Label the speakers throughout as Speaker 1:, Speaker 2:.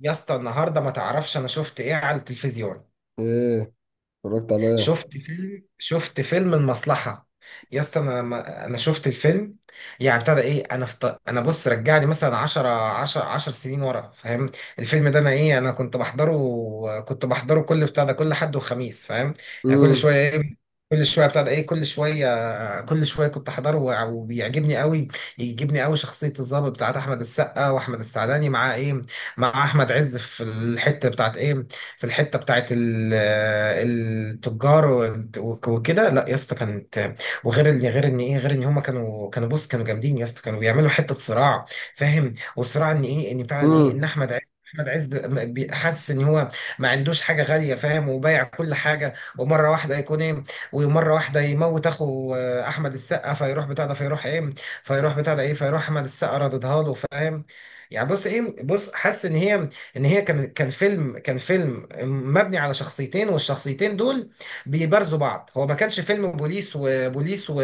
Speaker 1: يا اسطى النهارده ما تعرفش انا شفت ايه على التلفزيون.
Speaker 2: ايه؟ اتفرجت عليها.
Speaker 1: شفت فيلم شفت فيلم المصلحة. يا اسطى انا انا شفت الفيلم. يعني ابتدى ايه انا انا بص رجعني مثلا 10 سنين ورا فاهم. الفيلم ده انا ايه انا كنت بحضره، كنت بحضره كل بتاع ده كل حد وخميس فاهم. يعني كل
Speaker 2: امم،
Speaker 1: شويه ايه، كل شويه بتاع ده ايه، كل شويه كل شويه كنت احضره وبيعجبني قوي، يعجبني قوي شخصيه الضابط بتاعت احمد السقا واحمد السعداني مع ايه، مع احمد عز في الحته بتاعت ايه، في الحته بتاعت آه، التجار وكده. لا يا اسطى كانت، وغير ان غير ان ايه غير ان هما كانوا بص كانوا جامدين يا اسطى، كانوا بيعملوا حته صراع فاهم. والصراع ان ايه ان بتاع ان ايه ان
Speaker 2: امم،
Speaker 1: احمد عز، احمد عز حاسس ان هو ما عندوش حاجه غاليه فاهم، وبايع كل حاجه ومره واحده يكون ايه، ومره واحده يموت اخو آه، احمد السقا، فيروح بتاع ده فيروح ايه، فيروح بتاع ده ايه فيروح احمد السقا رددها له فاهم. يعني بص ايه بص حاسس ان هي، ان هي كان فيلم، كان فيلم مبني على شخصيتين، والشخصيتين دول بيبارزوا بعض. هو ما كانش فيلم بوليس وبوليس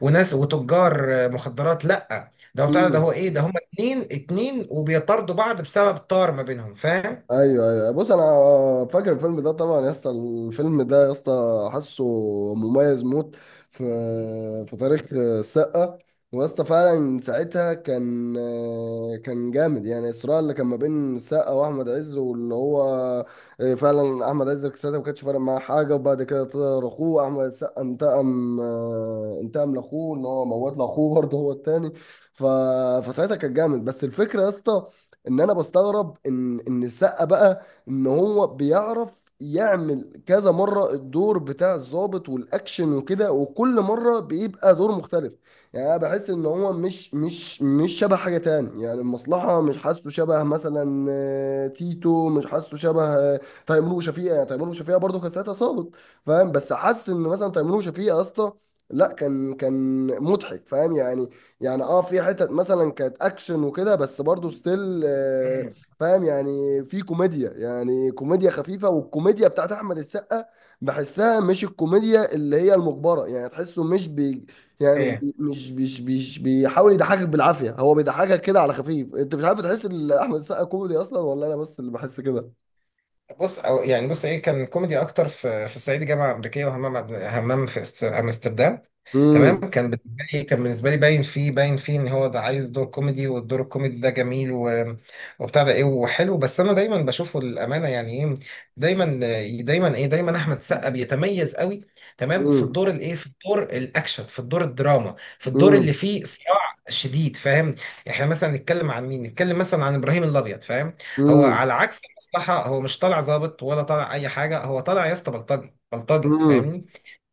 Speaker 1: وناس وتجار مخدرات، لا ده هو بتاع ده هو
Speaker 2: امم.
Speaker 1: ايه ده هما اتنين اتنين وبيطاردوا بعض بسبب طار ما بينهم فاهم؟
Speaker 2: ايوه، ايوه، بص انا فاكر الفيلم ده طبعا يا اسطى، الفيلم ده يا اسطى حاسه مميز موت في في تاريخ السقا. ويا اسطى فعلا ساعتها كان جامد، يعني الصراع اللي كان ما بين السقا واحمد عز، واللي هو فعلا احمد عز ساعتها ما كانش فارق معاه حاجه، وبعد كده طلع اخوه احمد السقا انتقم لاخوه، ان هو موت لاخوه برضه هو التاني. ف... فساعتها كان جامد، بس الفكره يا اسطى ان انا بستغرب ان السقا بقى ان هو بيعرف يعمل كذا مرة الدور بتاع الضابط والاكشن وكده، وكل مرة بيبقى دور مختلف. يعني انا بحس ان هو مش شبه حاجة تاني، يعني المصلحة مش حاسه شبه مثلا تيتو، مش حاسه شبه تيمور وشفيقة، يعني تيمور وشفيقة برضه كان ساعتها ظابط، فاهم؟ بس حاسس ان مثلا تيمور وشفيقة يا اسطى، لا، كان مضحك فاهم يعني. يعني في حتت مثلا كانت اكشن وكده، بس برضو ستيل،
Speaker 1: مم.
Speaker 2: فاهم يعني؟ في كوميديا، يعني كوميديا خفيفه، والكوميديا بتاعت احمد السقا بحسها مش الكوميديا اللي هي المجبره، يعني تحسه مش بي يعني
Speaker 1: اوكي.
Speaker 2: مش بيحاول يضحكك بالعافيه، هو بيضحكك كده على خفيف، انت مش عارف تحس ان احمد السقا كوميدي اصلا، ولا انا بس اللي بحس كده؟
Speaker 1: بص أو يعني بص ايه كان كوميدي اكتر في في الصعيدي جامعه امريكيه، وهمام همام في امستردام. تمام.
Speaker 2: امم،
Speaker 1: كان بالنسبه لي كان بالنسبه لي باين فيه باين فيه ان هو ده عايز دور كوميدي، والدور الكوميدي ده جميل وبتاع ده ايه وحلو. بس انا دايما بشوفه الامانه يعني ايه، دايما، دايما ايه دايما احمد سقا بيتميز قوي تمام في
Speaker 2: امم،
Speaker 1: الدور الايه في الدور الاكشن في الدور الدراما في الدور اللي
Speaker 2: امم،
Speaker 1: فيه صراع شديد فاهم. يعني احنا مثلا نتكلم عن مين، نتكلم مثلا عن ابراهيم الابيض فاهم. هو
Speaker 2: امم،
Speaker 1: على عكس المصلحه هو مش طالع ظابط ولا طالع اي حاجه، هو طالع يا اسطى بلطجي بلطجي
Speaker 2: امم،
Speaker 1: فاهمني.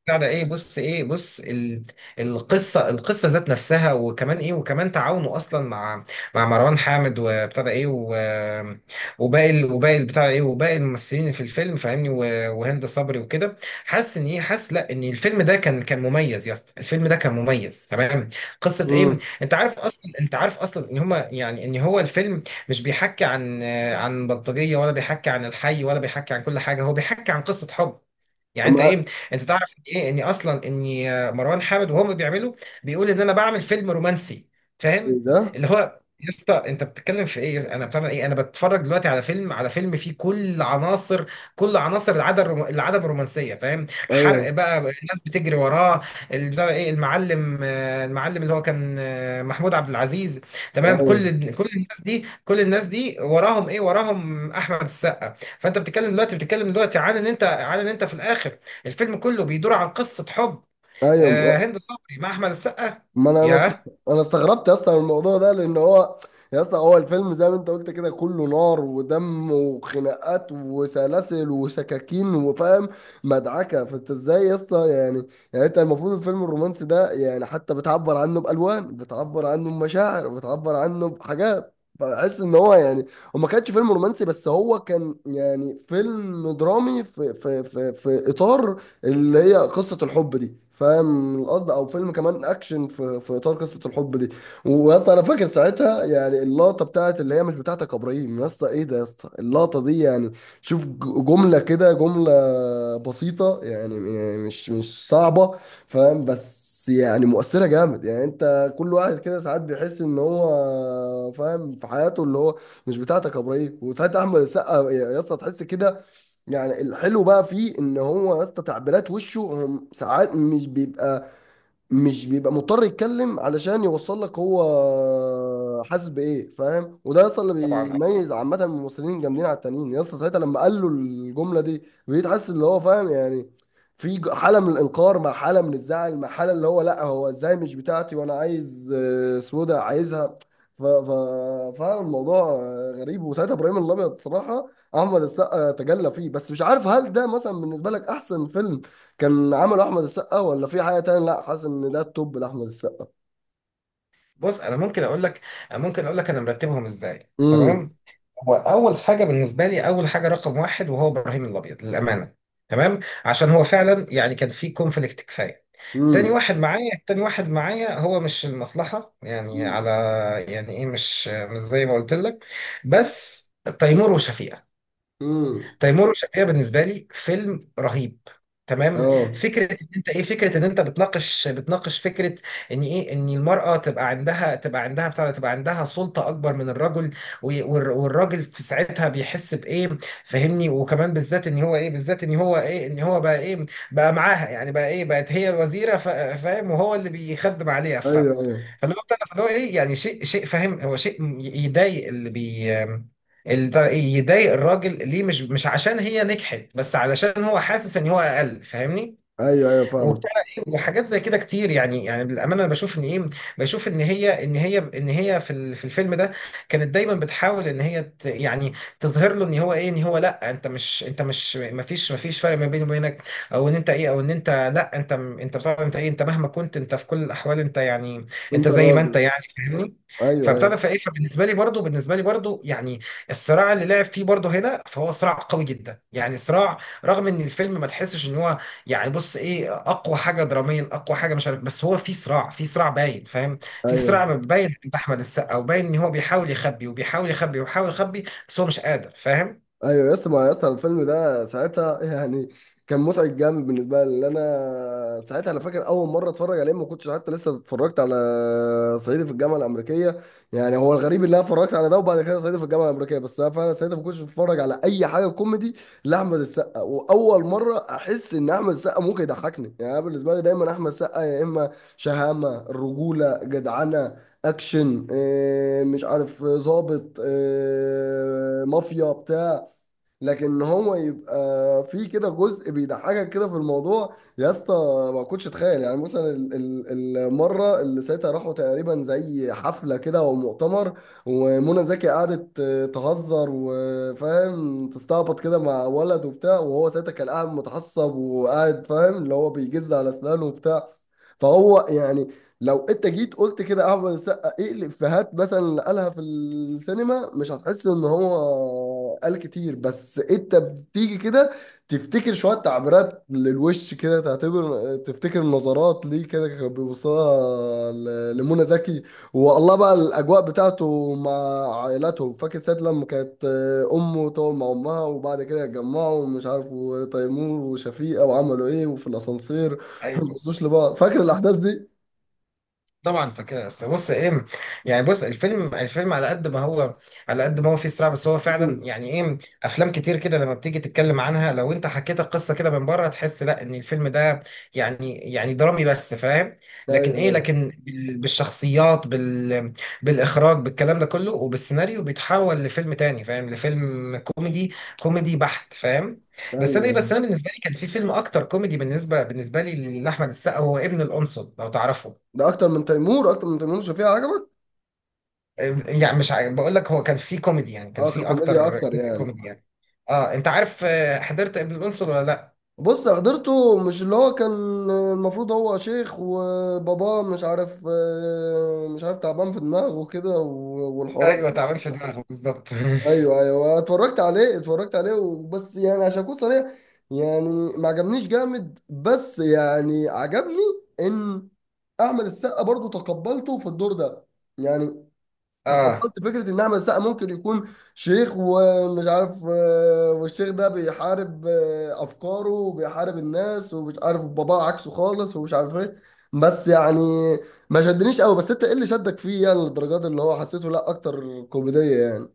Speaker 1: بتاع ده ايه بص ايه القصه القصه ذات نفسها، وكمان ايه وكمان تعاونه اصلا مع، مع مروان حامد وبتاع ده ايه وباقي بتاع ده ايه وباقي الممثلين في الفيلم فاهمني وهند صبري وكده. حاسس ان ايه حاسس لا ان الفيلم ده كان مميز يا اسطى، الفيلم ده كان مميز تمام. قصه ايه،
Speaker 2: امم.
Speaker 1: انت عارف اصلا انت عارف اصلا ان هما يعني ان هو الفيلم مش بيحكي عن، عن بلطجيه ولا بيحكي عن الحي ولا بيحكي عن كل حاجه، هو بيحكي عن قصه حب. يعني انت ايه انت تعرف ان ايه اني اصلا اني آه، مروان حامد وهم بيعملوا بيقول ان انا بعمل فيلم رومانسي فاهم.
Speaker 2: ده،
Speaker 1: اللي هو يا اسطى انت بتتكلم في ايه، انا بتعمل ايه انا بتفرج دلوقتي على فيلم، على فيلم فيه كل عناصر، كل عناصر العدم العدم الرومانسيه فاهم، حرق
Speaker 2: ايوه،
Speaker 1: بقى الناس بتجري وراه، اللي بتاع ايه المعلم آه، المعلم اللي هو كان آه، محمود عبد العزيز تمام،
Speaker 2: ايوه،
Speaker 1: كل كل الناس دي كل الناس دي وراهم ايه وراهم احمد السقا. فانت بتتكلم دلوقتي بتتكلم دلوقتي عن ان انت عن ان انت في الاخر الفيلم كله بيدور عن قصة حب، آه،
Speaker 2: ايوه،
Speaker 1: هند صبري مع أحمد السقا.
Speaker 2: ما انا انا است-
Speaker 1: ياه.
Speaker 2: انا استغربت اصلا من الموضوع ده لان هو يا اسطى، هو الفيلم زي ما انت قلت كده كله نار ودم وخناقات وسلاسل وسكاكين، وفاهم مدعكه، فانت ازاي يا اسطى يعني انت المفروض الفيلم الرومانسي ده يعني حتى بتعبر عنه بالوان، بتعبر عنه بمشاعر، بتعبر عنه بحاجات، بحس ان هو يعني هو ما كانش فيلم رومانسي، بس هو كان يعني فيلم درامي في اطار اللي هي قصة الحب دي، فاهم القصد، او فيلم كمان اكشن في اطار قصة الحب دي. ويسطا انا فاكر ساعتها يعني اللقطة بتاعت اللي هي مش بتاعتك يا ابراهيم، يسطا ايه ده، يسطا اللقطة دي يعني، شوف جملة كده، جملة بسيطة، يعني مش صعبة فاهم، بس يعني مؤثرة جامد. يعني انت كل واحد كده ساعات بيحس ان هو فاهم في حياته اللي هو مش بتاعتك يا ابراهيم، وساعات احمد السقا يا اسطى تحس كده. يعني الحلو بقى فيه ان هو يا اسطى تعبيرات وشه هم، ساعات مش بيبقى مضطر يتكلم علشان يوصل لك هو حاسس بايه، فاهم؟ وده يا اسطى اللي
Speaker 1: طبعا.
Speaker 2: بيميز عامه الممثلين الجامدين على التانيين، يا اسطى ساعتها لما قال له الجمله دي بقيت حاسس اللي هو فاهم يعني. في حاله من الانكار مع حاله من الزعل، مع حاله اللي هو لا هو ازاي مش بتاعتي، وانا عايز سودا عايزها. ف ف فعلا الموضوع غريب، وساعتها ابراهيم الابيض الصراحه احمد السقا تجلى فيه، بس مش عارف هل ده مثلا بالنسبه لك احسن فيلم كان عمل احمد السقا، ولا في حاجه تانية؟ لا، حاسس ان ده التوب لاحمد السقا.
Speaker 1: بص أنا ممكن أقول لك، ممكن أقول لك أنا مرتبهم إزاي
Speaker 2: امم،
Speaker 1: تمام. هو أول حاجة بالنسبة لي أول حاجة رقم واحد وهو إبراهيم الأبيض للأمانة تمام، عشان هو فعلا يعني كان في كونفليكت كفاية. تاني
Speaker 2: امم،
Speaker 1: واحد معايا، تاني واحد معايا هو مش المصلحة يعني على، يعني إيه مش مش زي ما قلت لك، بس تيمور وشفيقة،
Speaker 2: امم،
Speaker 1: تيمور وشفيقة بالنسبه لي فيلم رهيب تمام.
Speaker 2: اه،
Speaker 1: فكره ان انت ايه فكره ان انت بتناقش بتناقش فكره ان ايه ان المراه تبقى عندها تبقى عندها بتاع ده، تبقى عندها سلطه اكبر من الرجل، والراجل في ساعتها بيحس بايه فاهمني، وكمان بالذات ان هو ايه بالذات ان هو ايه ان هو بقى ايه بقى معاها، يعني بقى ايه بقت هي الوزيره فاهم، وهو اللي بيخدم عليها. ف
Speaker 2: ايوه، ايوه،
Speaker 1: فاللي هو بتاع ده، فاللي هو ايه يعني شيء شيء فاهم، هو شيء يضايق اللي بي يضايق الراجل ليه، مش مش عشان هي نجحت بس علشان هو حاسس ان هو اقل فاهمني.
Speaker 2: ايوه، ايوه، فاهم،
Speaker 1: وبتاع ايه وحاجات زي كده كتير يعني، يعني بالامانه انا بشوف ان ايه، بشوف ان هي ان هي ان هي في في الفيلم ده كانت دايما بتحاول ان هي يعني تظهر له ان هو ايه ان هو لا انت مش انت مش ما فيش ما فيش فرق ما بيني وبينك، او ان انت ايه او ان انت لا انت انت بتاع انت ايه انت مهما كنت انت في كل الاحوال انت يعني انت
Speaker 2: انت
Speaker 1: زي ما انت
Speaker 2: الراجل،
Speaker 1: يعني فاهمني.
Speaker 2: ايوه، ايوه،
Speaker 1: فابتدى فايه فبالنسبه لي برضو بالنسبه لي برضو يعني الصراع اللي لعب فيه برضو هنا، فهو صراع قوي جدا يعني صراع، رغم ان الفيلم ما تحسش ان هو يعني بص ايه اقوى حاجه دراميا اقوى حاجه مش عارف، بس هو في صراع في صراع باين فاهم، في
Speaker 2: ايوه،
Speaker 1: صراع باين عند احمد السقا وباين ان هو بيحاول يخبي وبيحاول يخبي وبيحاول يخبي بس هو مش قادر فاهم.
Speaker 2: ايوه. يس ما يس الفيلم ده ساعتها يعني كان متعب جامد بالنسبه لي، لأن انا ساعتها انا فاكر اول مره اتفرج عليه ما كنتش حتى لسه اتفرجت على صعيدي في الجامعه الامريكيه. يعني هو الغريب ان انا اتفرجت على ده وبعد كده صعيدي في الجامعه الامريكيه، بس انا فعلا ساعتها ما كنتش بتفرج على اي حاجه كوميدي لاحمد السقا، واول مره احس ان احمد السقا ممكن يضحكني. يعني أنا بالنسبه لي دايما احمد السقا، يا اما شهامه الرجوله جدعنه اكشن، إيه، مش عارف ظابط، إيه، مافيا بتاع، لكن هو يبقى في كده جزء بيضحكك كده في الموضوع يا اسطى. ما كنتش اتخيل يعني مثلا المره اللي ساعتها راحوا تقريبا زي حفله كده او مؤتمر، ومنى زكي قعدت تهزر وفاهم تستعبط كده مع ولد وبتاع، وهو ساعتها كان قاعد متعصب، وقاعد فاهم اللي هو بيجز على اسنانه وبتاع. فهو يعني لو انت جيت قلت كده احمد السقا ايه الافيهات مثلا اللي قالها في السينما، مش هتحس ان هو قال كتير، بس انت بتيجي كده تفتكر شويه تعبيرات للوش كده، تعتبر تفتكر نظرات ليه كده كان بيبصها لمنى زكي. والله بقى الاجواء بتاعته مع عائلته، فاكر ساعه لما كانت امه تقعد مع امها وبعد كده يتجمعوا ومش عارف، وتيمور وشفيقه وعملوا ايه، وفي الاسانسير ما بصوش لبعض، فاكر الاحداث دي؟
Speaker 1: طبعا فاكرها يا اسطى. بص ايه يعني بص الفيلم، الفيلم على قد ما هو على قد ما هو فيه صراع، بس هو فعلا
Speaker 2: مم.
Speaker 1: يعني ايه، افلام كتير كده لما بتيجي تتكلم عنها لو انت حكيت القصه كده من بره تحس لا ان الفيلم ده يعني يعني درامي بس فاهم، لكن
Speaker 2: ايوه،
Speaker 1: ايه
Speaker 2: ايوه،
Speaker 1: لكن بالشخصيات بال بالاخراج بالكلام ده كله وبالسيناريو بيتحول لفيلم تاني فاهم، لفيلم كوميدي، كوميدي بحت فاهم. بس انا ايه بس
Speaker 2: ايوه،
Speaker 1: انا بالنسبه لي كان في فيلم اكتر كوميدي بالنسبه بالنسبه لي لاحمد السقا، هو ابن القنصل لو تعرفه.
Speaker 2: ده اكتر من تيمور، اكتر من تيمور وشفيقة عجبك؟
Speaker 1: يعني مش عارف بقول لك، هو كان في كوميدي يعني كان
Speaker 2: اه،
Speaker 1: في
Speaker 2: ككوميديا
Speaker 1: اكتر
Speaker 2: اكتر
Speaker 1: جزء
Speaker 2: يعني.
Speaker 1: كوميدي يعني. اه انت عارف آه، حضرت ابن الانصر ولا لا؟
Speaker 2: بص حضرته، مش اللي هو كان المفروض هو شيخ وباباه مش عارف، مش عارف تعبان في دماغه كده والحوارات
Speaker 1: ايوه
Speaker 2: دي.
Speaker 1: تعبان في دماغه بالظبط
Speaker 2: ايوه، ايوه، اتفرجت عليه، اتفرجت عليه وبس يعني عشان اكون صريح، يعني ما عجبنيش جامد، بس يعني عجبني ان احمد السقا برضو تقبلته في الدور ده يعني.
Speaker 1: اه.
Speaker 2: تقبلت فكرة إن أحمد السقا ممكن يكون شيخ ومش عارف، والشيخ ده بيحارب أفكاره وبيحارب الناس، ومش عارف باباه عكسه خالص ومش عارف إيه. بس يعني ما شدنيش قوي، بس أنت إيه اللي شدك فيه يعني للدرجات اللي هو حسيته؟ لا أكتر كوميدية يعني؟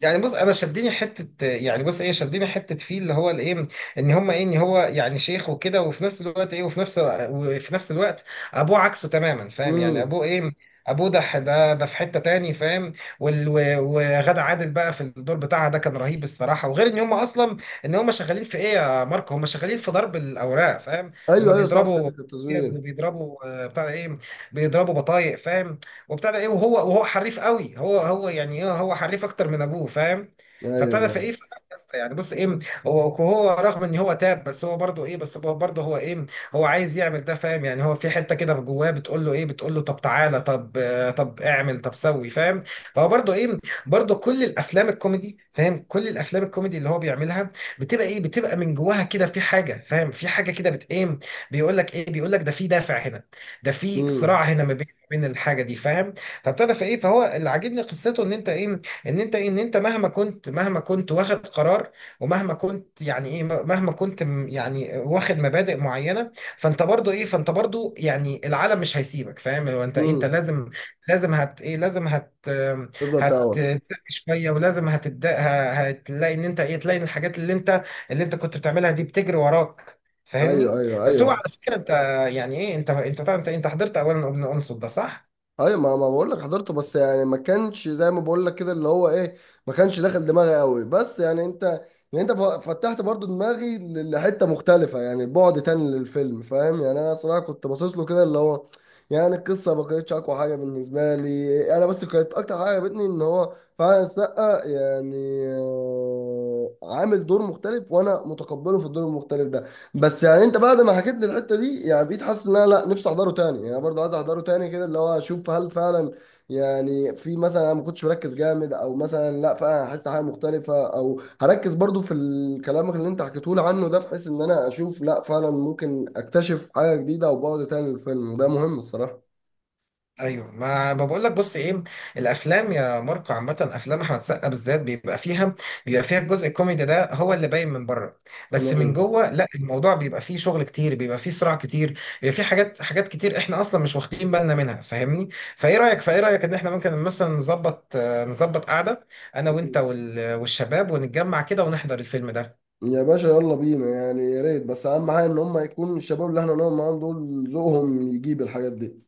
Speaker 1: يعني بص انا شدني حته يعني بص ايه شدني حته فيه اللي هو الايه، ان هم ايه ان هو يعني شيخ وكده، وفي نفس الوقت ايه وفي نفس وفي نفس الوقت ابوه عكسه تماما فاهم، يعني
Speaker 2: امم،
Speaker 1: ابوه ايه ابوه ده ده ده في حته تاني فاهم. وغادة عادل بقى في الدور بتاعها ده كان رهيب الصراحه، وغير ان هم اصلا ان هم شغالين في ايه يا ماركو، هم شغالين في ضرب الاوراق فاهم، هم
Speaker 2: أيوه، أيوه، صح حتة
Speaker 1: بيضربوا
Speaker 2: التصوير،
Speaker 1: بيضربوا آه، بتاع ده ايه، بيضربوا بطايق فاهم. وابتدى ايه، وهو وهو حريف قوي، هو هو يعني ايه هو حريف اكتر من ابوه فاهم.
Speaker 2: أيوه،
Speaker 1: فابتدى في
Speaker 2: أيوه،
Speaker 1: ايه في الأساسة يعني بص ايه، هو هو رغم ان هو تاب بس هو برضه ايه بس هو برضه هو ايه هو عايز يعمل ده فاهم، يعني هو في حته كده في جواه بتقول له ايه، بتقول له طب تعالى طب آه، طب اعمل طب سوي فاهم. فهو برضه ايه برضه كل الافلام الكوميدي فاهم، كل الافلام الكوميدي اللي هو بيعملها بتبقى ايه بتبقى من جواها كده في حاجه فاهم، في حاجه كده بت ايه بيقول لك ايه بيقول لك ده في دافع هنا، ده في
Speaker 2: امم،
Speaker 1: صراع هنا ما بين الحاجه دي فاهم. فابتدى في ايه فهو اللي عاجبني قصته ان انت ايه ان انت ايه ان انت مهما كنت، مهما كنت واخد قرار ومهما كنت يعني ايه مهما كنت يعني واخد مبادئ معينه، فانت برضو ايه فانت برضو يعني العالم مش هيسيبك فاهم، هو انت إيه انت
Speaker 2: امم،
Speaker 1: لازم، لازم هت ايه لازم هت
Speaker 2: تفضل تاور،
Speaker 1: هتتسق شويه، ولازم هتد هتلاقي ان انت ايه تلاقي إن الحاجات اللي انت اللي انت كنت بتعملها دي بتجري وراك
Speaker 2: أيوه،
Speaker 1: فاهمني.
Speaker 2: أيوه،
Speaker 1: بس هو
Speaker 2: أيوه،
Speaker 1: على فكره انت آه، يعني ايه انت انت حضرت اولا ابن انصت ده صح؟
Speaker 2: ايوه. ما بقول لك حضرته، بس يعني ما كانش زي ما بقول لك كده اللي هو ايه، ما كانش داخل دماغي قوي، بس يعني انت، يعني انت فتحت برضو دماغي لحته مختلفه، يعني بعد تاني للفيلم فاهم يعني. انا صراحه كنت باصص له كده اللي هو، يعني القصه ما كانتش اقوى حاجه بالنسبه لي انا، بس كانت اكتر حاجه عجبتني ان هو فعلا السقا يعني عامل دور مختلف وانا متقبله في الدور المختلف ده. بس يعني انت بعد ما حكيت لي الحته دي يعني بقيت حاسس ان انا لا، نفسي احضره تاني، يعني انا برضه عايز احضره تاني كده، اللي هو اشوف هل فعلا يعني في مثلا انا ما كنتش مركز جامد، او مثلا لا فعلا هحس حاجه مختلفه، او هركز برضه في الكلام اللي انت حكيته لي عنه ده، بحيث ان انا اشوف لا فعلا ممكن اكتشف حاجه جديده، او بعد تاني للفيلم، وده مهم الصراحه.
Speaker 1: ايوه ما بقول لك بص ايه، الافلام يا ماركو عامه افلام احمد سقا بالذات بيبقى فيها، بيبقى فيها الجزء الكوميدي ده هو اللي باين من بره، بس من
Speaker 2: نعم.
Speaker 1: جوه لا، الموضوع بيبقى فيه شغل كتير بيبقى فيه صراع كتير، بيبقى فيه حاجات حاجات كتير احنا اصلا مش واخدين بالنا منها فاهمني؟ فايه رايك فايه رايك ان احنا ممكن مثلا نظبط آه، نظبط قعده انا وانت والشباب ونتجمع كده ونحضر الفيلم ده.
Speaker 2: يا باشا يلا بينا يعني، يا ريت، بس اهم حاجه ان هم يكون الشباب اللي احنا نقعد معاهم دول ذوقهم يجيب الحاجات دي.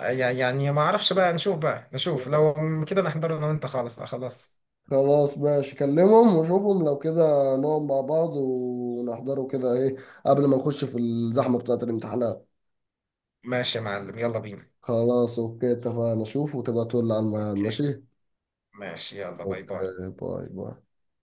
Speaker 1: يعني ما اعرفش بقى نشوف بقى نشوف لو كده نحضر انا وانت خالص آه، خلاص.
Speaker 2: خلاص ماشي، كلمهم وشوفهم لو كده نقعد مع بعض ونحضره كده ايه، قبل ما نخش في الزحمة بتاعة الامتحانات.
Speaker 1: ماشي يا معلم يلا بينا.
Speaker 2: خلاص، اوكي، اتفقنا، شوف وتبقى تقول لي على الميعاد،
Speaker 1: اوكي،
Speaker 2: ماشي؟
Speaker 1: ماشي، يلا باي باي.
Speaker 2: اوكي، باي باي.